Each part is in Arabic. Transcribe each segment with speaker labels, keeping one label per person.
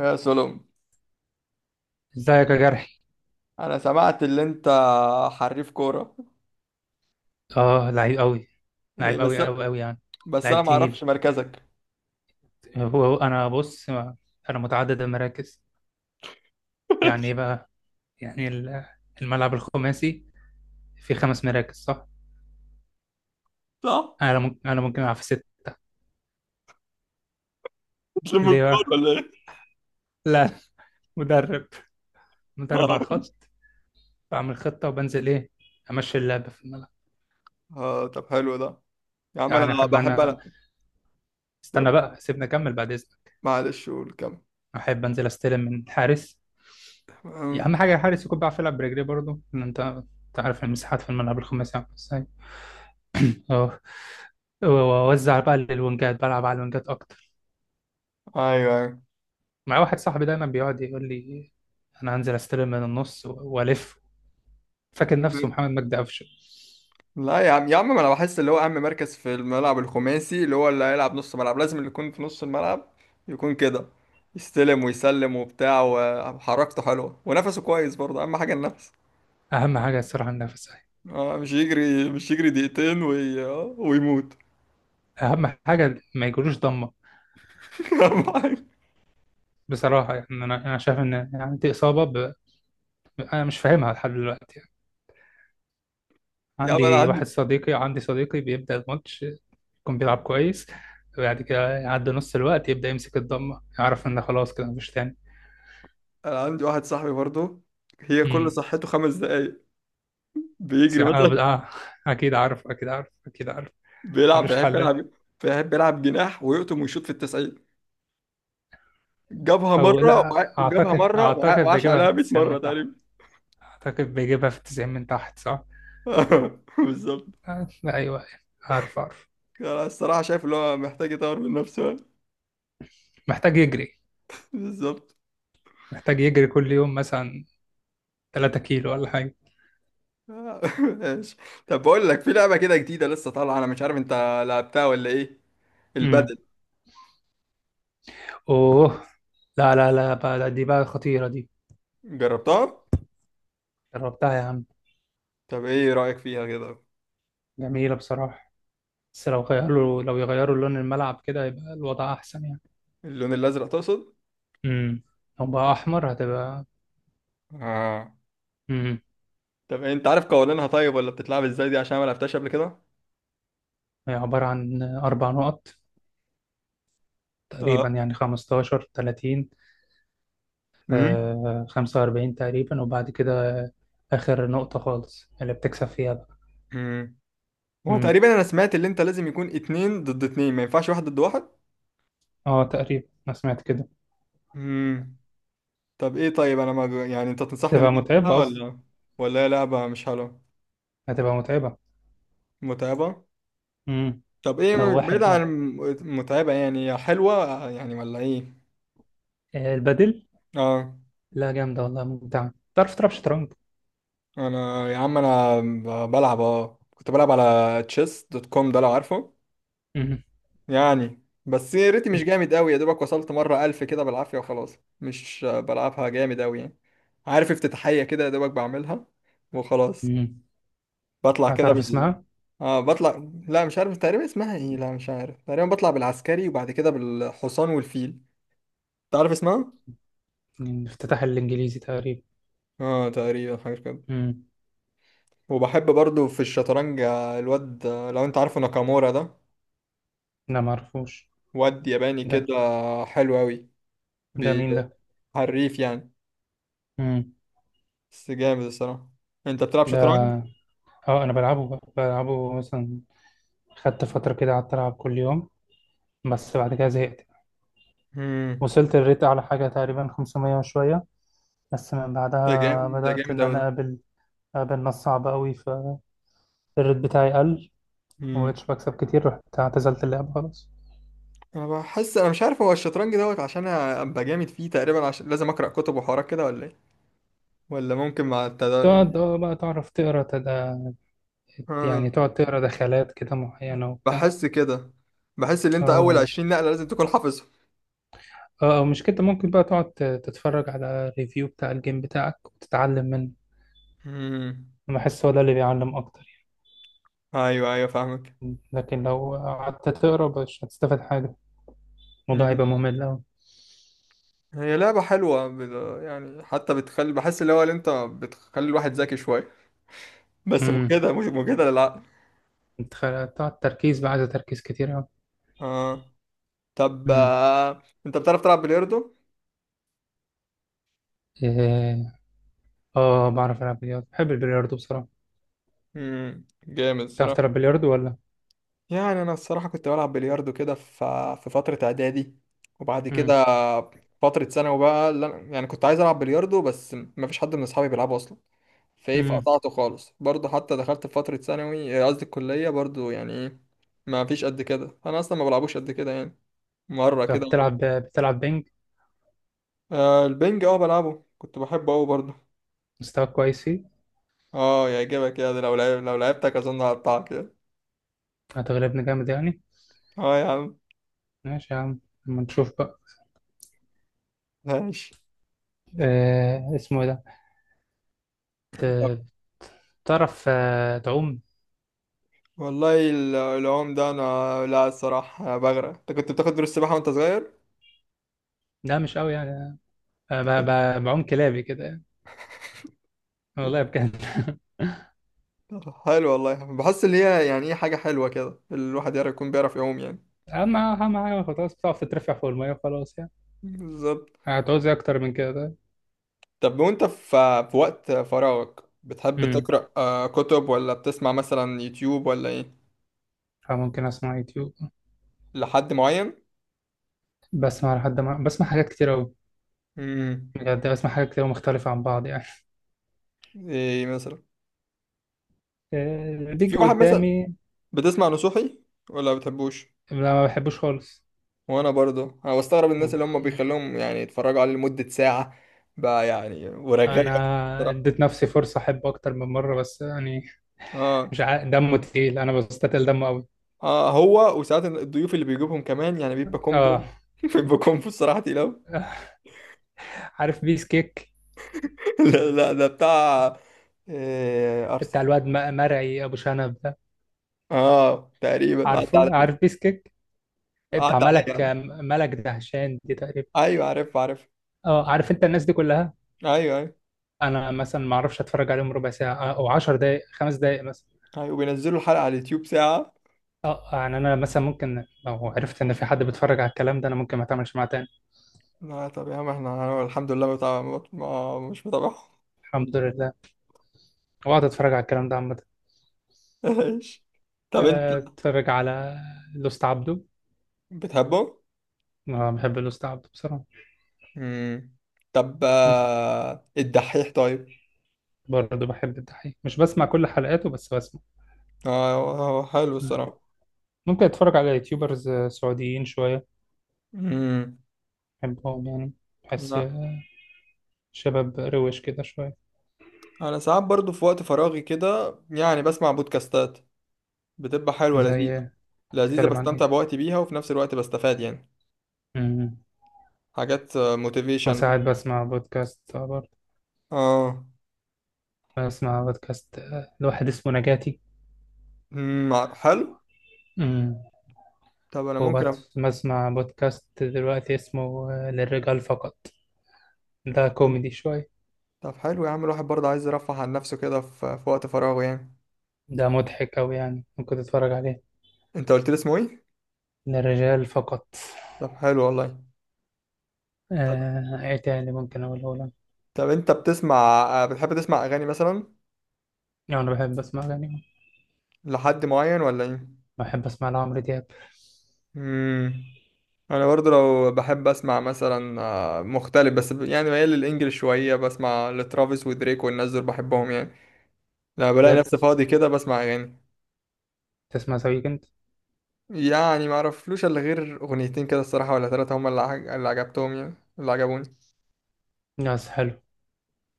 Speaker 1: يا سلام.
Speaker 2: ازيك يا جرحي؟
Speaker 1: انا سمعت اللي انت حريف كوره.
Speaker 2: اه، لعيب قوي.
Speaker 1: إيه
Speaker 2: لعيب
Speaker 1: بس.
Speaker 2: قوي قوي قوي يعني.
Speaker 1: بس انا
Speaker 2: لعيب
Speaker 1: ما
Speaker 2: تقيل.
Speaker 1: اعرفش مركزك.
Speaker 2: هو هو انا بص، انا متعدد المراكز. يعني ايه بقى؟ يعني الملعب الخماسي فيه خمس مراكز، صح.
Speaker 1: صح.
Speaker 2: انا ممكن العب في ست.
Speaker 1: بتلم
Speaker 2: ليه
Speaker 1: الكورة
Speaker 2: بقى؟
Speaker 1: ولا ايه؟
Speaker 2: لا، مدرب. مدرب على
Speaker 1: آه، ماشي.
Speaker 2: الخط. بعمل خطة وبنزل، ايه، امشي اللعب في الملعب.
Speaker 1: اه، طب حلو ده. يا عم انا
Speaker 2: يعني احب
Speaker 1: بحب
Speaker 2: انا.
Speaker 1: العب. طب
Speaker 2: استنى بقى، سيبني اكمل بعد اذنك.
Speaker 1: معلش قول كم.
Speaker 2: احب انزل استلم من الحارس.
Speaker 1: أمم،
Speaker 2: اهم حاجة الحارس يكون بيعرف يلعب برجليه برضه، لان انت عارف المساحات في الملعب الخماسي عامله ازاي. اه. واوزع بقى للونجات، بلعب على الونجات اكتر.
Speaker 1: ايوه ايوه.
Speaker 2: مع واحد صاحبي دايما بيقعد يقول لي انا هنزل استلم من النص والف. فاكر نفسه محمد مجدي قفشه.
Speaker 1: لا، يا عم يا عم، ما انا بحس اللي هو اهم مركز في الملعب الخماسي، اللي هو اللي هيلعب نص ملعب، لازم اللي يكون في نص الملعب يكون كده، يستلم ويسلم وبتاع، وحركته حلوه ونفسه كويس برضه، اهم حاجه النفس.
Speaker 2: اهم حاجه الصراحه النفس.
Speaker 1: آه، مش يجري، مش يجري دقيقتين وي... آه، ويموت.
Speaker 2: اهم حاجه ما يجروش ضمه.
Speaker 1: أهم حاجة.
Speaker 2: بصراحه يعني، انا شايف ان، يعني، دي اصابه انا مش فاهمها لحد دلوقتي يعني.
Speaker 1: يا عم، انا عندي
Speaker 2: عندي صديقي بيبدا الماتش يكون بيلعب كويس، وبعد كده يعدي نص الوقت يبدا يمسك الضمه، يعرف ان خلاص كده مفيش.
Speaker 1: انا عندي واحد صاحبي برضه، هي كل
Speaker 2: تاني،
Speaker 1: صحته 5 دقايق،
Speaker 2: س-
Speaker 1: بيجري مثلا،
Speaker 2: اه آه، اكيد عارف، اكيد عارف، اكيد عارف.
Speaker 1: بيلعب
Speaker 2: ملوش
Speaker 1: بيحب
Speaker 2: حل.
Speaker 1: يلعب بيحب يلعب جناح ويقطم ويشوط في التسعين. جابها
Speaker 2: او
Speaker 1: مرة
Speaker 2: لا، اعتقد
Speaker 1: وعاش
Speaker 2: بيجيبها في
Speaker 1: عليها 100
Speaker 2: التسعين
Speaker 1: مرة
Speaker 2: من تحت.
Speaker 1: تقريبا.
Speaker 2: اعتقد بيجيبها في التسعين من تحت، صح.
Speaker 1: بالظبط.
Speaker 2: آه، لا، ايوه، أيوة، عارف، عارف.
Speaker 1: انا الصراحة شايف اللي هو محتاج يطور من نفسه.
Speaker 2: محتاج يجري.
Speaker 1: بالظبط.
Speaker 2: محتاج يجري كل يوم مثلا 3 كيلو ولا حاجه.
Speaker 1: ماشي. طب بقول لك في لعبة كده جديدة لسه طالعة، انا مش عارف انت لعبتها ولا ايه.
Speaker 2: امم.
Speaker 1: البدل.
Speaker 2: اوه. لا لا لا بقى، دي بقى خطيره دي.
Speaker 1: جربتها.
Speaker 2: جربتها يا عم.
Speaker 1: طب ايه رأيك فيها كده؟
Speaker 2: جميله بصراحه. بس لو يغيروا لون الملعب كده يبقى الوضع احسن يعني.
Speaker 1: اللون الازرق تقصد؟
Speaker 2: امم. لو بقى احمر هتبقى.
Speaker 1: اه.
Speaker 2: امم.
Speaker 1: طب إيه، انت عارف قوانينها طيب، ولا بتتلعب ازاي دي عشان ما لعبتهاش قبل كده؟
Speaker 2: هي عباره عن اربع نقط،
Speaker 1: اه.
Speaker 2: تقريبا يعني 15، 30،
Speaker 1: امم
Speaker 2: 45 تقريبا، وبعد كده آخر نقطة خالص اللي بتكسب فيها بقى.
Speaker 1: امم هو
Speaker 2: امم.
Speaker 1: تقريبا انا سمعت اللي انت لازم يكون اتنين ضد اتنين، ما ينفعش واحد ضد واحد.
Speaker 2: اه، تقريبا أنا سمعت كده.
Speaker 1: امم طب ايه طيب، انا ما جو- يعني انت تنصحني ان
Speaker 2: تبقى
Speaker 1: انا
Speaker 2: متعبة
Speaker 1: ألعبها
Speaker 2: أصلا.
Speaker 1: ولا هي لعبة مش حلوة.
Speaker 2: هتبقى متعبة.
Speaker 1: متعبة.
Speaker 2: امم.
Speaker 1: طب ايه
Speaker 2: لو
Speaker 1: بعيد
Speaker 2: واحد
Speaker 1: عن
Speaker 2: لوحده،
Speaker 1: متعبة، يعني هي حلوة يعني ولا ايه؟
Speaker 2: البدل،
Speaker 1: اه.
Speaker 2: لا، جامدة والله، ممتعة. تعرف تلعب شطرنج؟
Speaker 1: انا يا عم، انا ب- بلعب اه كنت بلعب على chess.com، ده لو عارفه.
Speaker 2: امم.
Speaker 1: يعني بس يا ريتي مش جامد قوي يا دوبك، وصلت مرة 1000 كده بالعافية وخلاص، مش بلعبها جامد قوي يعني. عارف افتتاحية كده يا دوبك بعملها وخلاص.
Speaker 2: امم.
Speaker 1: بطلع كده
Speaker 2: هتعرف
Speaker 1: بال
Speaker 2: اسمها.
Speaker 1: اه بطلع، لا مش عارف تقريبا اسمها ايه، لا مش عارف، تقريبا بطلع بالعسكري وبعد كده بالحصان والفيل. تعرف اسمها؟
Speaker 2: الافتتاح الإنجليزي تقريبا.
Speaker 1: اه تقريبا حاجة كده.
Speaker 2: امم.
Speaker 1: وبحب برضو في الشطرنج، الواد، لو انت عارفه، ناكامورا ده.
Speaker 2: لا، معرفوش
Speaker 1: واد ياباني
Speaker 2: ده.
Speaker 1: كده. حلو قوي.
Speaker 2: ده مين
Speaker 1: بي-
Speaker 2: ده؟
Speaker 1: حريف يعني.
Speaker 2: امم.
Speaker 1: بس جامد الصراحة. انت بتلعب شطرنج؟
Speaker 2: ده، اه، انا بلعبه بقى. بلعبه مثلا خدت فترة كده قعدت ألعب كل يوم، بس بعد كده زهقت.
Speaker 1: امم
Speaker 2: وصلت الريت أعلى حاجة تقريبا 500 وشوية، بس من
Speaker 1: ده
Speaker 2: بعدها
Speaker 1: جامد، ده
Speaker 2: بدأت
Speaker 1: جامد
Speaker 2: إن
Speaker 1: أوي
Speaker 2: أنا
Speaker 1: ده.
Speaker 2: أقابل ناس صعبة قوي، فالريت بتاعي قل.
Speaker 1: امم
Speaker 2: ومبقتش بكسب كتير، رحت اعتزلت اللعبة خلاص.
Speaker 1: انا بحس، انا مش عارف، هو الشطرنج دوت عشان ابقى جامد فيه، تقريبا عشان لازم اقرا كتب وحوارات كده ولا ايه، ولا ممكن مع
Speaker 2: تقعد، اه، بقى تعرف تقرا تدا،
Speaker 1: آه.
Speaker 2: يعني تقعد تقرا دخلات كده معينة وبتاع.
Speaker 1: بحس كده، بحس ان انت اول
Speaker 2: اه
Speaker 1: 20 نقله لازم تكون حافظهم.
Speaker 2: مش كده، ممكن بقى تقعد تتفرج على ريفيو بتاع الجيم بتاعك وتتعلم منه.
Speaker 1: امم.
Speaker 2: أنا بحس هو ده اللي بيعلم أكتر،
Speaker 1: ايوه ايوه فاهمك.
Speaker 2: يعني. لكن لو قعدت تقرا مش هتستفاد حاجة، الموضوع
Speaker 1: مم.
Speaker 2: هيبقى ممل
Speaker 1: هي لعبه حلوه، يعني حتى بتخلي، بحس اللي هو، اللي انت بتخلي الواحد ذكي شويه. بس
Speaker 2: أوي.
Speaker 1: مجهده، مش مجهده للعقل.
Speaker 2: انت بتاع تركيز بقى، عايزة تركيز كتير أوي.
Speaker 1: اه. طب
Speaker 2: مم.
Speaker 1: انت بتعرف تلعب بلياردو؟
Speaker 2: إيه، اه، بعرف ألعب بلياردو. بحب البلياردو بصراحة.
Speaker 1: جامد
Speaker 2: بتعرف
Speaker 1: صراحه.
Speaker 2: تلعب بلياردو ولا؟
Speaker 1: يعني انا الصراحه كنت بلعب بلياردو كده في فتره اعدادي، وبعد
Speaker 2: مم.
Speaker 1: كده فتره ثانوي بقى، اللي يعني كنت عايز العب بلياردو بس ما فيش حد من اصحابي بيلعبه اصلا، فايه
Speaker 2: مم.
Speaker 1: فقطعته خالص برضه، حتى دخلت في فتره ثانوي، قصدي الكليه برضه، يعني ايه ما فيش قد كده، انا اصلا ما بلعبوش قد كده يعني، مره
Speaker 2: طب
Speaker 1: كده ولا مرة.
Speaker 2: بتلعب بينج،
Speaker 1: آه البنج، اه بلعبه، كنت بحبه قوي برضه.
Speaker 2: مستواك كويس فيه؟
Speaker 1: اه يعجبك، يا ده لو لعبتك اظن هقطعك يعني.
Speaker 2: هتغلبني جامد يعني.
Speaker 1: اه يا عم.
Speaker 2: ماشي يا عم، اما نشوف بقى.
Speaker 1: ماشي.
Speaker 2: إيه اسمه إيه ده؟ ت- تعرف تعوم؟
Speaker 1: والله العوم ده انا، لا الصراحه أنا بغرق. انت كنت بتاخد دروس سباحه وانت صغير؟
Speaker 2: لا، مش قوي يعني. آه، ب- بعوم كلابي كده يعني، والله بجد.
Speaker 1: حلو والله. بحس ان هي يعني ايه حاجه حلوه كده، الواحد يعرف، يكون بيعرف يعوم يعني.
Speaker 2: أهم حاجة خلاص، بتعرف تترفع فوق المية وخلاص يعني.
Speaker 1: بالظبط.
Speaker 2: هتعوز إيه أكتر من كده طيب؟
Speaker 1: طب وانت في وقت فراغك بتحب
Speaker 2: مم.
Speaker 1: تقرا كتب، ولا بتسمع مثلا يوتيوب ولا ايه؟
Speaker 2: ممكن أسمع يوتيوب.
Speaker 1: لحد معين.
Speaker 2: بسمع لحد ما بسمع حاجات كتير أوي.
Speaker 1: امم
Speaker 2: بجد بسمع حاجات كتير أوي مختلفة عن بعض يعني.
Speaker 1: ايه مثلا؟ في
Speaker 2: بيجي
Speaker 1: واحد مثلا،
Speaker 2: قدامي.
Speaker 1: بتسمع نصوحي ولا بتحبوش؟
Speaker 2: لا، ما بحبوش خالص.
Speaker 1: وانا برضو بستغرب الناس اللي هم بيخلوهم يعني يتفرجوا عليه لمدة ساعة بقى يعني، ورغاية
Speaker 2: أنا
Speaker 1: بصراحة.
Speaker 2: اديت نفسي فرصة أحبه أكتر من مرة، بس يعني
Speaker 1: اه.
Speaker 2: مش عا... دمه تقيل، أنا بستتقل دمه أوي.
Speaker 1: اه، هو وساعات الضيوف اللي بيجيبهم كمان يعني بيبقى
Speaker 2: آه.
Speaker 1: كومبو. بيبقى كومبو الصراحة تقيلة.
Speaker 2: عارف بيس كيك؟
Speaker 1: لا لا، ده بتاع إيه،
Speaker 2: بتاع
Speaker 1: ارسنال.
Speaker 2: الواد مرعي أبو شنب ده.
Speaker 1: اه تقريبا، عدى
Speaker 2: عارفه،
Speaker 1: عليا،
Speaker 2: عارف بيس كيك
Speaker 1: عدى
Speaker 2: بتاع
Speaker 1: عليا
Speaker 2: ملك،
Speaker 1: يعني.
Speaker 2: ملك دهشان دي تقريبا.
Speaker 1: ايوه عارف عارف.
Speaker 2: اه، عارف انت الناس دي كلها.
Speaker 1: ايوه ايوه.
Speaker 2: انا مثلا ما اعرفش اتفرج عليهم ربع ساعه او 10 دقائق، خمس دقائق مثلا.
Speaker 1: ايوه وبينزلوا الحلقة على اليوتيوب ساعة.
Speaker 2: اه، يعني انا مثلا ممكن لو عرفت ان في حد بيتفرج على الكلام ده انا ممكن ما اتعاملش معاه تاني.
Speaker 1: لا طب يا عم، احنا أنا الحمد لله متابع، ما مش متابعهم.
Speaker 2: الحمد لله. واقعد اتفرج على الكلام ده عامه.
Speaker 1: ايش. طب انت
Speaker 2: اتفرج على لوست عبده.
Speaker 1: بتحبه؟
Speaker 2: انا بحب لوست عبده بصراحه.
Speaker 1: مم. طب الدحيح طيب؟
Speaker 2: برضه بحب الدحيح، مش بسمع كل حلقاته بس بسمع.
Speaker 1: هو هو حلو
Speaker 2: مم.
Speaker 1: الصراحة.
Speaker 2: ممكن اتفرج على يوتيوبرز سعوديين شويه،
Speaker 1: مم.
Speaker 2: بحبهم يعني. بحس
Speaker 1: لا.
Speaker 2: شباب روش كده شويه.
Speaker 1: أنا ساعات برضو في وقت فراغي كده يعني بسمع بودكاستات، بتبقى حلوة
Speaker 2: زي،
Speaker 1: لذيذة، لذيذة
Speaker 2: بتتكلم عن
Speaker 1: بستمتع
Speaker 2: ايه؟
Speaker 1: بوقتي بيها وفي نفس الوقت بستفاد يعني،
Speaker 2: مم.
Speaker 1: حاجات موتيفيشن.
Speaker 2: وساعات بسمع بودكاست، برضه.
Speaker 1: اه.
Speaker 2: بسمع بودكاست لواحد اسمه نجاتي.
Speaker 1: مم، حلو.
Speaker 2: مم.
Speaker 1: طب أنا ممكن
Speaker 2: وبسمع بودكاست دلوقتي اسمه للرجال فقط، ده
Speaker 1: حلو.
Speaker 2: كوميدي شوية.
Speaker 1: طب حلو يا عم، الواحد برضه عايز يرفه عن نفسه كده في وقت فراغه يعني.
Speaker 2: ده مضحك أوي يعني، ممكن تتفرج عليه.
Speaker 1: أنت قلت لي اسمه إيه؟
Speaker 2: للرجال فقط.
Speaker 1: طب حلو والله. طب،
Speaker 2: إيه تاني ممكن أقوله لك؟
Speaker 1: طب أنت بتسمع، بتحب تسمع أغاني مثلا؟
Speaker 2: يعني أنا بحب أسمع أغاني.
Speaker 1: لحد معين ولا ايه؟
Speaker 2: بحب أسمع لعمرو دياب.
Speaker 1: امم انا برضو لو بحب اسمع مثلا مختلف، بس يعني ميال للانجليش شويه، بسمع لترافيس ودريك والناس دول بحبهم يعني، لما بلاقي
Speaker 2: بجد،
Speaker 1: نفسي فاضي كده بسمع اغاني.
Speaker 2: تسمع ذا ويكند؟
Speaker 1: يعني ما اعرفلوش الا غير اغنيتين كده الصراحه ولا 3، هم اللي عجبتهم يعني، اللي عجبوني.
Speaker 2: ناس حلو.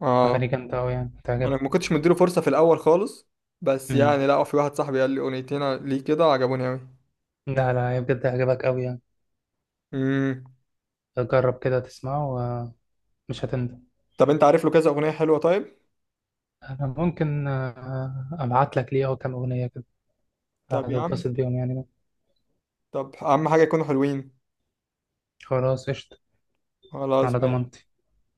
Speaker 1: اه.
Speaker 2: أغاني جامدة أوي يعني،
Speaker 1: انا
Speaker 2: هتعجبك.
Speaker 1: ما كنتش مديله فرصه في الاول خالص، بس
Speaker 2: مم.
Speaker 1: يعني لا، في واحد صاحبي قال لي اغنيتين ليه كده عجبوني قوي.
Speaker 2: لا لا، هي بجد هيعجبك أوي يعني.
Speaker 1: امم
Speaker 2: جرب كده تسمعه ومش هتندم.
Speaker 1: طب انت عارف له كذا اغنيه حلوه طيب؟
Speaker 2: أنا ممكن أبعت لك ليه أو كام أغنية كده،
Speaker 1: طب يا عم.
Speaker 2: هتتبسط بيهم يعني.
Speaker 1: طب اهم حاجه يكونوا حلوين.
Speaker 2: خلاص قشطة،
Speaker 1: خلاص
Speaker 2: على
Speaker 1: ماشي.
Speaker 2: ضمانتي.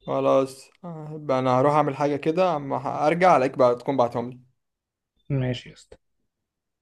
Speaker 1: خلاص، يبقى انا هروح اعمل حاجة كده اما ارجع الاقيك بقى تكون بعتهم لي.
Speaker 2: ماشي يا اسطى.